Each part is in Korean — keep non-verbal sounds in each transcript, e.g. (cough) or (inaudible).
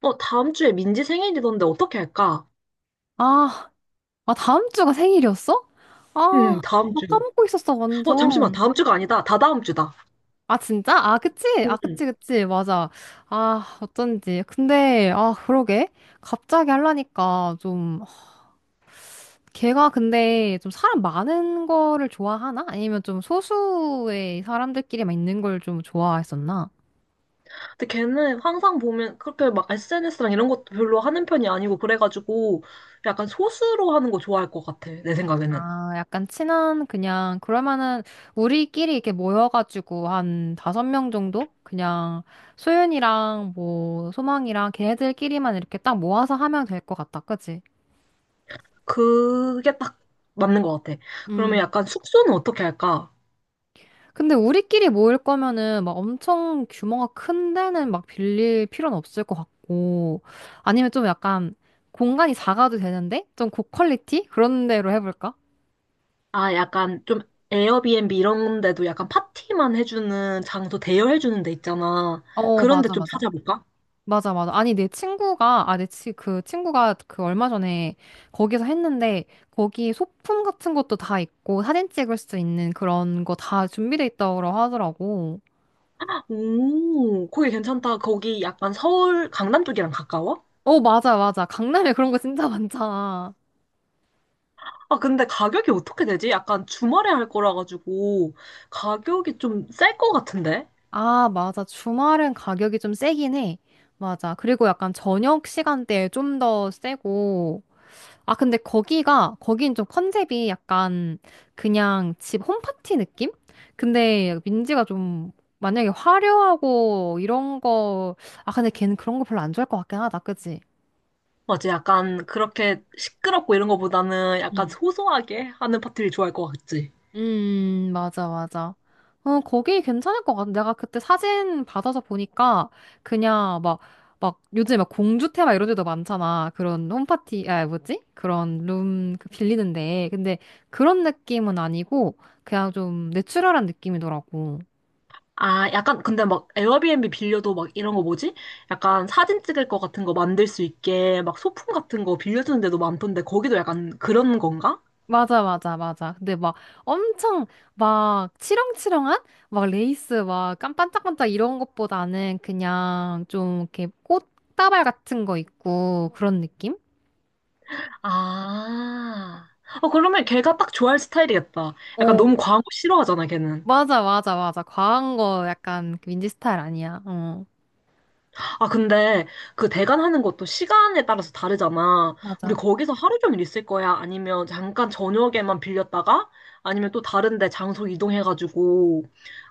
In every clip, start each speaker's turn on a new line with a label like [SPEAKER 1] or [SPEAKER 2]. [SPEAKER 1] 다음 주에 민지 생일이던데 어떻게 할까?
[SPEAKER 2] 아, 아, 다음 주가 생일이었어? 아,
[SPEAKER 1] 다음
[SPEAKER 2] 나
[SPEAKER 1] 주.
[SPEAKER 2] 까먹고 있었어,
[SPEAKER 1] 잠시만.
[SPEAKER 2] 완전.
[SPEAKER 1] 다음 주가 아니다. 다다음 주다.
[SPEAKER 2] 아, 진짜? 아, 그치? 아,
[SPEAKER 1] 응. 응.
[SPEAKER 2] 그치, 그치. 맞아. 아, 어쩐지. 근데, 아, 그러게. 갑자기 하려니까 좀, 걔가 근데 좀 사람 많은 거를 좋아하나? 아니면 좀 소수의 사람들끼리만 있는 걸 좀 좋아했었나?
[SPEAKER 1] 근데 걔는 항상 보면 그렇게 막 SNS랑 이런 것도 별로 하는 편이 아니고 그래가지고 약간 소수로 하는 거 좋아할 것 같아. 내 생각에는.
[SPEAKER 2] 아, 약간 친한, 그냥, 그러면은, 우리끼리 이렇게 모여가지고, 한 5명 정도? 그냥, 소윤이랑, 뭐, 소망이랑, 걔네들끼리만 이렇게 딱 모아서 하면 될 것 같다. 그치?
[SPEAKER 1] 그게 딱 맞는 것 같아. 그러면
[SPEAKER 2] 음.
[SPEAKER 1] 약간 숙소는 어떻게 할까?
[SPEAKER 2] 근데 우리끼리 모일 거면은, 막 엄청 규모가 큰 데는 막 빌릴 필요는 없을 것 같고, 아니면 좀 약간, 공간이 작아도 되는데? 좀 고퀄리티? 그런 데로 해볼까?
[SPEAKER 1] 아, 약간 좀 에어비앤비 이런 데도 약간 파티만 해주는 장소 대여해주는 데 있잖아.
[SPEAKER 2] 어,
[SPEAKER 1] 그런 데
[SPEAKER 2] 맞아,
[SPEAKER 1] 좀
[SPEAKER 2] 맞아.
[SPEAKER 1] 찾아볼까?
[SPEAKER 2] 맞아, 맞아. 아니, 내 친구가, 아, 그 친구가 그 얼마 전에 거기서 했는데, 거기 소품 같은 것도 다 있고, 사진 찍을 수 있는 그런 거 다 준비돼 있다고 하더라고.
[SPEAKER 1] 오, 거기 괜찮다. 거기 약간 서울, 강남 쪽이랑 가까워?
[SPEAKER 2] 어, 맞아, 맞아. 강남에 그런 거 진짜 많잖아.
[SPEAKER 1] 아, 근데 가격이 어떻게 되지? 약간 주말에 할 거라 가지고 가격이 좀 쌀 것 같은데?
[SPEAKER 2] 아, 맞아. 주말은 가격이 좀 세긴 해. 맞아. 그리고 약간 저녁 시간대에 좀 더 세고, 아, 근데 거긴 좀 컨셉이 약간 그냥 집 홈파티 느낌? 근데 민지가 좀 만약에 화려하고 이런 거, 아, 근데 걔는 그런 거 별로 안 좋아할 것 같긴 하다, 그지?
[SPEAKER 1] 맞아, 약간 그렇게 시끄럽고 이런 거보다는 약간 소소하게 하는 파티를 좋아할 것 같지?
[SPEAKER 2] 맞아, 맞아. 어, 거기 괜찮을 것 같아. 내가 그때 사진 받아서 보니까 그냥 막, 막 요즘에 막 공주테 막 이런 데도 많잖아. 그런 홈파티, 아, 뭐지? 그런 룸 그 빌리는데. 근데 그런 느낌은 아니고 그냥 좀 내추럴한 느낌이더라고.
[SPEAKER 1] 아, 약간 근데 막 에어비앤비 빌려도 막 이런 거 뭐지? 약간 사진 찍을 거 같은 거 만들 수 있게 막 소품 같은 거 빌려주는 데도 많던데 거기도 약간 그런 건가?
[SPEAKER 2] 맞아, 맞아, 맞아. 근데 막 엄청 막 치렁치렁한? 막 레이스 반짝반짝 이런 것보다는 그냥 좀 이렇게 꽃다발 같은 거 있고 그런 느낌?
[SPEAKER 1] 아. 어, 그러면 걔가 딱 좋아할 스타일이겠다. 약간
[SPEAKER 2] 어,
[SPEAKER 1] 너무 과한 거 싫어하잖아, 걔는.
[SPEAKER 2] 맞아, 맞아, 맞아. 과한 거 약간 그 민지 스타일 아니야. 어,
[SPEAKER 1] 아, 근데 그 대관하는 것도 시간에 따라서 다르잖아. 우리
[SPEAKER 2] 맞아.
[SPEAKER 1] 거기서 하루 종일 있을 거야? 아니면 잠깐 저녁에만 빌렸다가? 아니면 또 다른데 장소 이동해가지고,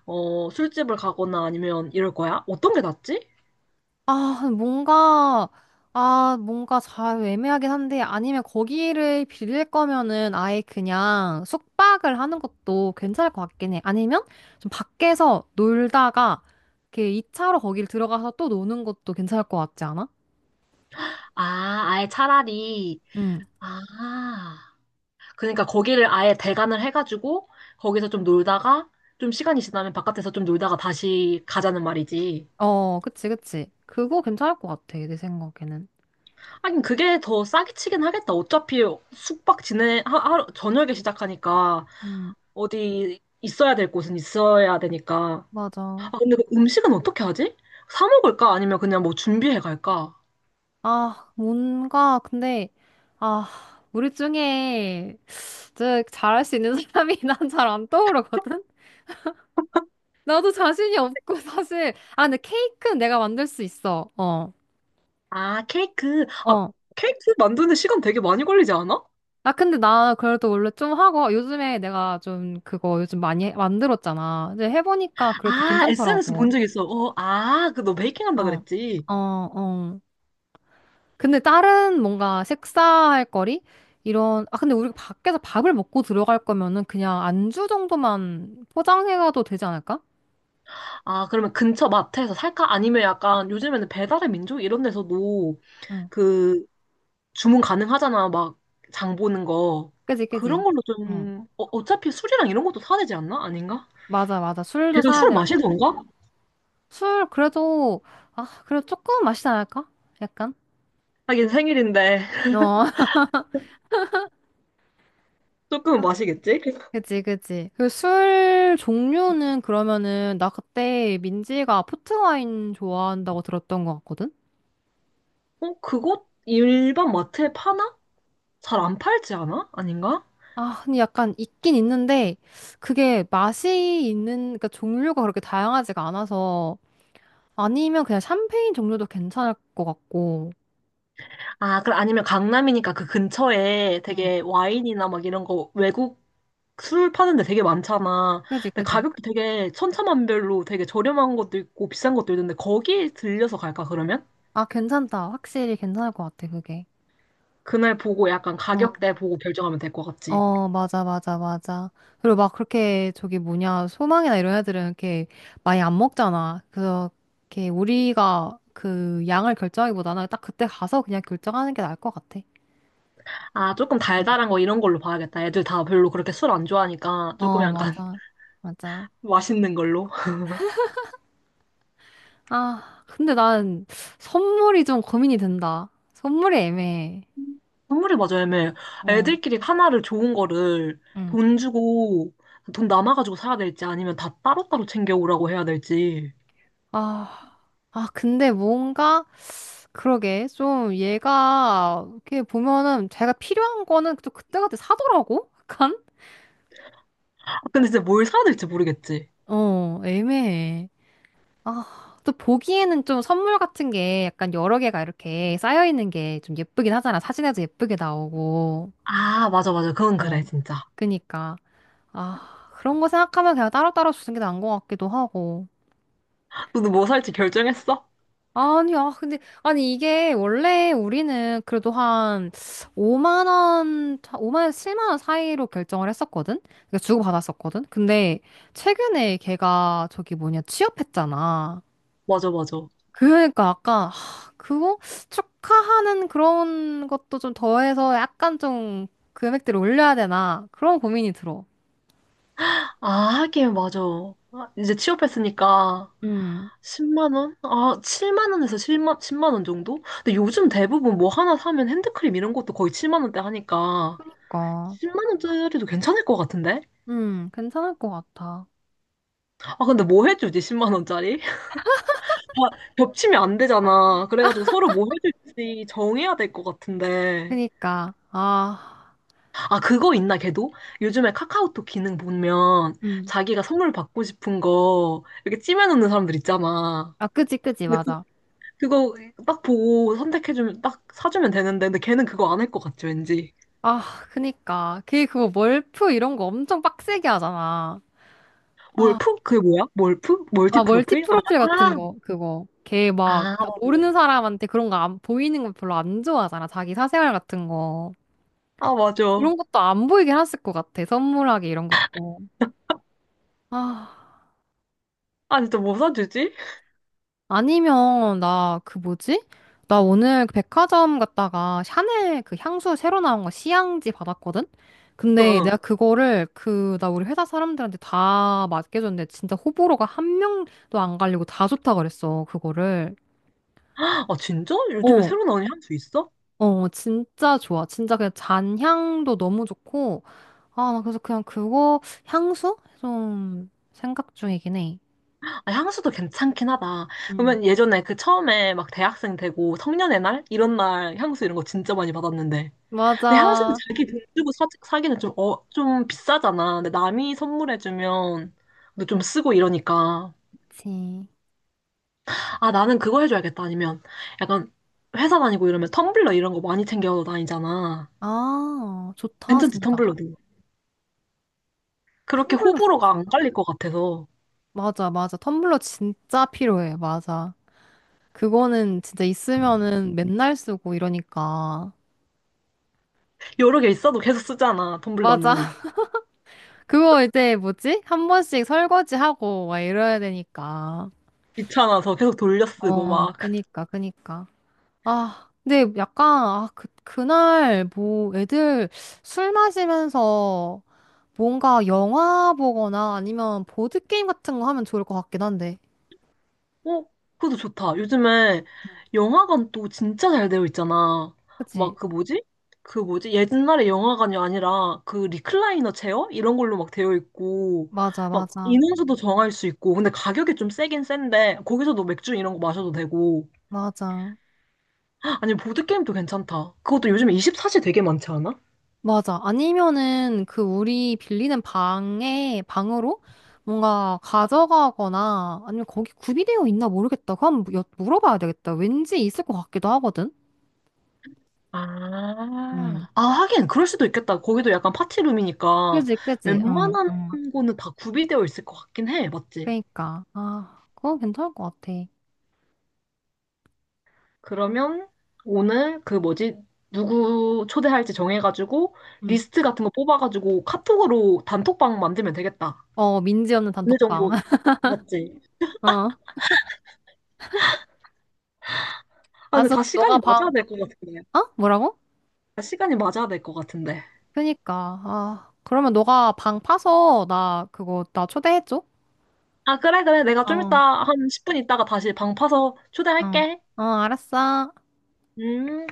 [SPEAKER 1] 술집을 가거나 아니면 이럴 거야? 어떤 게 낫지?
[SPEAKER 2] 아, 뭔가, 아, 뭔가 잘 애매하긴 한데, 아니면 거기를 빌릴 거면은 아예 그냥 숙박을 하는 것도 괜찮을 것 같긴 해. 아니면 좀 밖에서 놀다가, 이렇게 2차로 거길 들어가서 또 노는 것도 괜찮을 것 같지 않아?
[SPEAKER 1] 아, 아예 차라리.
[SPEAKER 2] 응.
[SPEAKER 1] 아. 그러니까 거기를 아예 대관을 해가지고 거기서 좀 놀다가 좀 시간이 지나면 바깥에서 좀 놀다가 다시 가자는 말이지.
[SPEAKER 2] 어, 그치, 그치. 그거 괜찮을 것 같아, 내 생각에는.
[SPEAKER 1] 하긴 그게 더 싸게 치긴 하겠다. 어차피 숙박 지내 저녁에 시작하니까
[SPEAKER 2] 응.
[SPEAKER 1] 어디 있어야 될 곳은 있어야 되니까.
[SPEAKER 2] 맞아.
[SPEAKER 1] 아 근데 그 음식은 어떻게 하지? 사 먹을까? 아니면 그냥 뭐 준비해 갈까?
[SPEAKER 2] 아, 뭔가, 근데, 아, 우리 중에 진짜 잘할 수 있는 사람이 (laughs) 난 잘 안 떠오르거든? 나도 자신이 없고, 사실. 아, 근데 케이크는 내가 만들 수 있어. 어,
[SPEAKER 1] 아 케이크. 아
[SPEAKER 2] 어.
[SPEAKER 1] 케이크 만드는데 시간 되게 많이 걸리지 않아?
[SPEAKER 2] 아, 근데 나 그래도 원래 좀 하고, 요즘에 내가 좀 그거 요즘 만들었잖아. 이제 해보니까 그래도
[SPEAKER 1] 아 SNS
[SPEAKER 2] 괜찮더라고.
[SPEAKER 1] 본 적 있어. 그 너 베이킹 한다
[SPEAKER 2] 어,
[SPEAKER 1] 그랬지.
[SPEAKER 2] 어, 어. 근데 다른 뭔가 식사할 거리? 이런, 아, 근데 우리 밖에서 밥을 먹고 들어갈 거면은 그냥 안주 정도만 포장해가도 되지 않을까?
[SPEAKER 1] 아, 그러면 근처 마트에서 살까? 아니면 약간 요즘에는 배달의 민족 이런 데서도
[SPEAKER 2] 응,
[SPEAKER 1] 그 주문 가능하잖아. 막 장 보는 거.
[SPEAKER 2] 그지,
[SPEAKER 1] 그런
[SPEAKER 2] 그지.
[SPEAKER 1] 걸로
[SPEAKER 2] 응.
[SPEAKER 1] 좀, 어, 어차피 술이랑 이런 것도 사야 되지 않나? 아닌가?
[SPEAKER 2] 맞아, 맞아. 술도
[SPEAKER 1] 걔가
[SPEAKER 2] 사야
[SPEAKER 1] 술
[SPEAKER 2] 되고.
[SPEAKER 1] 마시던가?
[SPEAKER 2] 술, 그래도, 아, 그래도 조금 마시지 않을까? 약간?
[SPEAKER 1] 하긴 생일인데 (laughs)
[SPEAKER 2] 어.
[SPEAKER 1] 조금은
[SPEAKER 2] (laughs)
[SPEAKER 1] 마시겠지?
[SPEAKER 2] 그지, 그지. 그 술 종류는 그러면은 나 그때 민지가 포트 와인 좋아한다고 들었던 것 같거든?
[SPEAKER 1] 어, 그거 일반 마트에 파나? 잘 안 팔지 않아? 아닌가?
[SPEAKER 2] 아, 근데 약간 있긴 있는데, 그게 맛이 있는, 그러니까 종류가 그렇게 다양하지가 않아서, 아니면 그냥 샴페인 종류도 괜찮을 것 같고.
[SPEAKER 1] 아, 그럼 아니면 강남이니까 그 근처에
[SPEAKER 2] 응,
[SPEAKER 1] 되게 와인이나 막 이런 거 외국 술 파는 데 되게 많잖아.
[SPEAKER 2] 그지,
[SPEAKER 1] 근데
[SPEAKER 2] 그지?
[SPEAKER 1] 가격도 되게 천차만별로 되게 저렴한 것도 있고 비싼 것도 있는데 거기 들려서 갈까 그러면?
[SPEAKER 2] 아, 괜찮다. 확실히 괜찮을 것 같아, 그게.
[SPEAKER 1] 그날 보고 약간
[SPEAKER 2] 어,
[SPEAKER 1] 가격대 보고 결정하면 될 것 같지.
[SPEAKER 2] 어, 맞아, 맞아, 맞아. 그리고 막 그렇게 저기 뭐냐, 소망이나 이런 애들은 이렇게 많이 안 먹잖아. 그래서 이렇게 우리가 그 양을 결정하기보다는 딱 그때 가서 그냥 결정하는 게 나을 것 같아.
[SPEAKER 1] 아, 조금 달달한 거 이런 걸로 봐야겠다. 애들 다 별로 그렇게 술 안 좋아하니까
[SPEAKER 2] 응.
[SPEAKER 1] 조금
[SPEAKER 2] 어,
[SPEAKER 1] 약간 (laughs)
[SPEAKER 2] 맞아. 맞아.
[SPEAKER 1] 맛있는 걸로.
[SPEAKER 2] 아, 근데 난 선물이 좀 고민이 된다. 선물이 애매해.
[SPEAKER 1] 선물이 맞아, 애매.
[SPEAKER 2] 어,
[SPEAKER 1] 애들끼리 하나를 좋은 거를
[SPEAKER 2] 응,
[SPEAKER 1] 돈 주고 돈 남아가지고 사야 될지 아니면 다 따로따로 챙겨오라고 해야 될지.
[SPEAKER 2] 아, 아, 근데 뭔가, 그러게, 좀 얘가, 이렇게 보면은 자기가 필요한 거는 또 그때그때 사더라고? 약간?
[SPEAKER 1] 아, 근데 진짜 뭘 사야 될지 모르겠지.
[SPEAKER 2] 어, 애매해. 아, 또 보기에는 좀 선물 같은 게 약간 여러 개가 이렇게 쌓여있는 게 좀 예쁘긴 하잖아. 사진에도 예쁘게 나오고.
[SPEAKER 1] 아, 맞아, 맞아. 그건 그래,
[SPEAKER 2] 어.
[SPEAKER 1] 진짜.
[SPEAKER 2] 그니까. 아, 그런 거 생각하면 그냥 따로따로 주는 게 나은 것 같기도 하고.
[SPEAKER 1] 너도 뭐 살지 결정했어?
[SPEAKER 2] 아니, 아, 근데, 아니, 이게 원래 우리는 그래도 한 5만 원, 오만 원, 7만 원 사이로 결정을 했었거든? 그러니까 주고받았었거든? 근데 최근에 걔가 저기 뭐냐, 취업했잖아.
[SPEAKER 1] 맞아, 맞아.
[SPEAKER 2] 그러니까 아까, 하, 그거 축하하는 그런 것도 좀 더해서 약간 좀 금액대를 올려야 되나? 그런 고민이 들어.
[SPEAKER 1] 아, 하긴, 맞아. 아, 이제 취업했으니까
[SPEAKER 2] 음,
[SPEAKER 1] 10만 원? 아, 7만 원에서 7만 10만 원 정도? 근데 요즘 대부분 뭐 하나 사면 핸드크림 이런 것도 거의 7만 원대 하니까
[SPEAKER 2] 그니까.
[SPEAKER 1] 10만 원짜리도 괜찮을 것 같은데?
[SPEAKER 2] 괜찮을 것 같아.
[SPEAKER 1] 아, 근데 뭐 해주지, 10만 원짜리? (laughs) 아, 겹치면 안 되잖아. 그래가지고 서로 뭐 해줄지 정해야 될 것 같은데.
[SPEAKER 2] 그니까, 아,
[SPEAKER 1] 아, 그거 있나, 걔도? 요즘에 카카오톡 기능 보면
[SPEAKER 2] 음.
[SPEAKER 1] 자기가 선물 받고 싶은 거 이렇게 찜해놓는 사람들 있잖아.
[SPEAKER 2] 아, 그지, 그지,
[SPEAKER 1] 근데 그,
[SPEAKER 2] 맞아.
[SPEAKER 1] 그거 딱 보고 선택해주면, 딱 사주면 되는데, 근데 걔는 그거 안 할 것 같지, 왠지.
[SPEAKER 2] 아, 그니까. 그게 그거 멀프 이런 거 엄청 빡세게 하잖아. 아,
[SPEAKER 1] 몰프? 그게 뭐야? 몰프? 멀티
[SPEAKER 2] 아, 멀티
[SPEAKER 1] 프로필?
[SPEAKER 2] 프로필 같은 거, 그거. 걔 막,
[SPEAKER 1] 아,
[SPEAKER 2] 다 모르는
[SPEAKER 1] 맞아요.
[SPEAKER 2] 사람한테 그런 거 안, 보이는 거 별로 안 좋아하잖아. 자기 사생활 같은 거.
[SPEAKER 1] 아, 맞아.
[SPEAKER 2] 그런 것도 안 보이게 했을 것 같아. 선물하기 이런 것도. 아.
[SPEAKER 1] 아, 진짜 뭐 사주지?
[SPEAKER 2] 아니면 나 그 뭐지? 나 오늘 그 백화점 갔다가 샤넬 그 향수 새로 나온 거 시향지 받았거든?
[SPEAKER 1] (laughs)
[SPEAKER 2] 근데
[SPEAKER 1] 응.
[SPEAKER 2] 내가 그거를 그 나 우리 회사 사람들한테 다 맡겨줬는데 진짜 호불호가 1명도 안 갈리고 다 좋다 그랬어 그거를.
[SPEAKER 1] 아, 진짜? 요즘에
[SPEAKER 2] 어.
[SPEAKER 1] 새로 나온 향수 있어?
[SPEAKER 2] 어, 진짜 좋아. 진짜 그냥 잔향도 너무 좋고. 아, 나 그래서 그냥 그거 향수? 좀 생각 중이긴 해.
[SPEAKER 1] 아, 향수도 괜찮긴 하다.
[SPEAKER 2] 음.
[SPEAKER 1] 그러면 예전에 그 처음에 막 대학생 되고 성년의 날? 이런 날 향수 이런 거 진짜 많이 받았는데. 근데 항상
[SPEAKER 2] 맞아.
[SPEAKER 1] 자기 돈 주고 사기는 좀, 어, 좀 비싸잖아. 근데 남이 선물해주면, 근데 좀 쓰고 이러니까.
[SPEAKER 2] 그치.
[SPEAKER 1] 아, 나는 그거 해줘야겠다. 아니면, 약간, 회사 다니고 이러면 텀블러 이런 거 많이 챙겨 다니잖아.
[SPEAKER 2] 아, 좋다,
[SPEAKER 1] 괜찮지,
[SPEAKER 2] 진짜.
[SPEAKER 1] 텀블러도. 그렇게
[SPEAKER 2] 텀블러
[SPEAKER 1] 호불호가
[SPEAKER 2] 좋지.
[SPEAKER 1] 안 갈릴 것 같아서.
[SPEAKER 2] 맞아, 맞아. 텀블러 진짜 필요해. 맞아. 그거는 진짜 있으면은 맨날 쓰고 이러니까.
[SPEAKER 1] 여러 개 있어도 계속 쓰잖아,
[SPEAKER 2] 맞아.
[SPEAKER 1] 텀블러는.
[SPEAKER 2] (laughs) 그거 이제 뭐지? 1번씩 설거지하고 막 이래야 되니까.
[SPEAKER 1] 귀찮아서 계속 돌려 쓰고
[SPEAKER 2] 어,
[SPEAKER 1] 막.
[SPEAKER 2] 그니까, 그니까. 아, 근데 약간, 아, 그, 그날 뭐 애들 술 마시면서 뭔가 영화 보거나 아니면 보드게임 같은 거 하면 좋을 것 같긴 한데.
[SPEAKER 1] 어, 그것도 좋다. 요즘에 영화관 또 진짜 잘 되어 있잖아.
[SPEAKER 2] 그치?
[SPEAKER 1] 막 그 뭐지? 그 뭐지? 옛날에 영화관이 아니라 그 리클라이너 체어? 이런 걸로 막 되어 있고,
[SPEAKER 2] 맞아,
[SPEAKER 1] 막
[SPEAKER 2] 맞아.
[SPEAKER 1] 인원수도 정할 수 있고, 근데 가격이 좀 세긴 센데, 거기서도 맥주 이런 거 마셔도 되고.
[SPEAKER 2] 맞아.
[SPEAKER 1] 아니, 보드게임도 괜찮다. 그것도 요즘에 24시 되게 많지 않아?
[SPEAKER 2] 맞아. 아니면은 그 우리 방으로 뭔가 가져가거나 아니면 거기 구비되어 있나 모르겠다. 그럼 물어봐야 되겠다. 왠지 있을 것 같기도 하거든. 응.
[SPEAKER 1] 하긴, 그럴 수도 있겠다. 거기도 약간 파티룸이니까
[SPEAKER 2] 그지, 그지. 응,
[SPEAKER 1] 웬만한
[SPEAKER 2] 응.
[SPEAKER 1] 거는 다 구비되어 있을 것 같긴 해. 맞지?
[SPEAKER 2] 그러니까. 아, 그건 괜찮을 것 같아.
[SPEAKER 1] 그러면 오늘 그 뭐지? 누구 초대할지 정해가지고
[SPEAKER 2] 응.
[SPEAKER 1] 리스트 같은 거 뽑아가지고 카톡으로 단톡방 만들면 되겠다.
[SPEAKER 2] 어, 민지 없는
[SPEAKER 1] 어느
[SPEAKER 2] 단톡방.
[SPEAKER 1] 정도
[SPEAKER 2] (laughs)
[SPEAKER 1] 맞지?
[SPEAKER 2] 어.
[SPEAKER 1] 아 근데
[SPEAKER 2] 알았어.
[SPEAKER 1] 다
[SPEAKER 2] 그럼 너가
[SPEAKER 1] 시간이
[SPEAKER 2] 방,
[SPEAKER 1] 맞아야 될 것 같은데.
[SPEAKER 2] 어? 뭐라고?
[SPEAKER 1] 다 시간이 맞아야 될 것 같은데.
[SPEAKER 2] 그니까. 아, 그러면 너가 방 파서 나 그거, 나 초대해줘.
[SPEAKER 1] 아 그래 그래 내가
[SPEAKER 2] 어,
[SPEAKER 1] 좀
[SPEAKER 2] 어.
[SPEAKER 1] 이따 한 10분 있다가 다시 방 파서 초대할게.
[SPEAKER 2] 어, 알았어.
[SPEAKER 1] 음.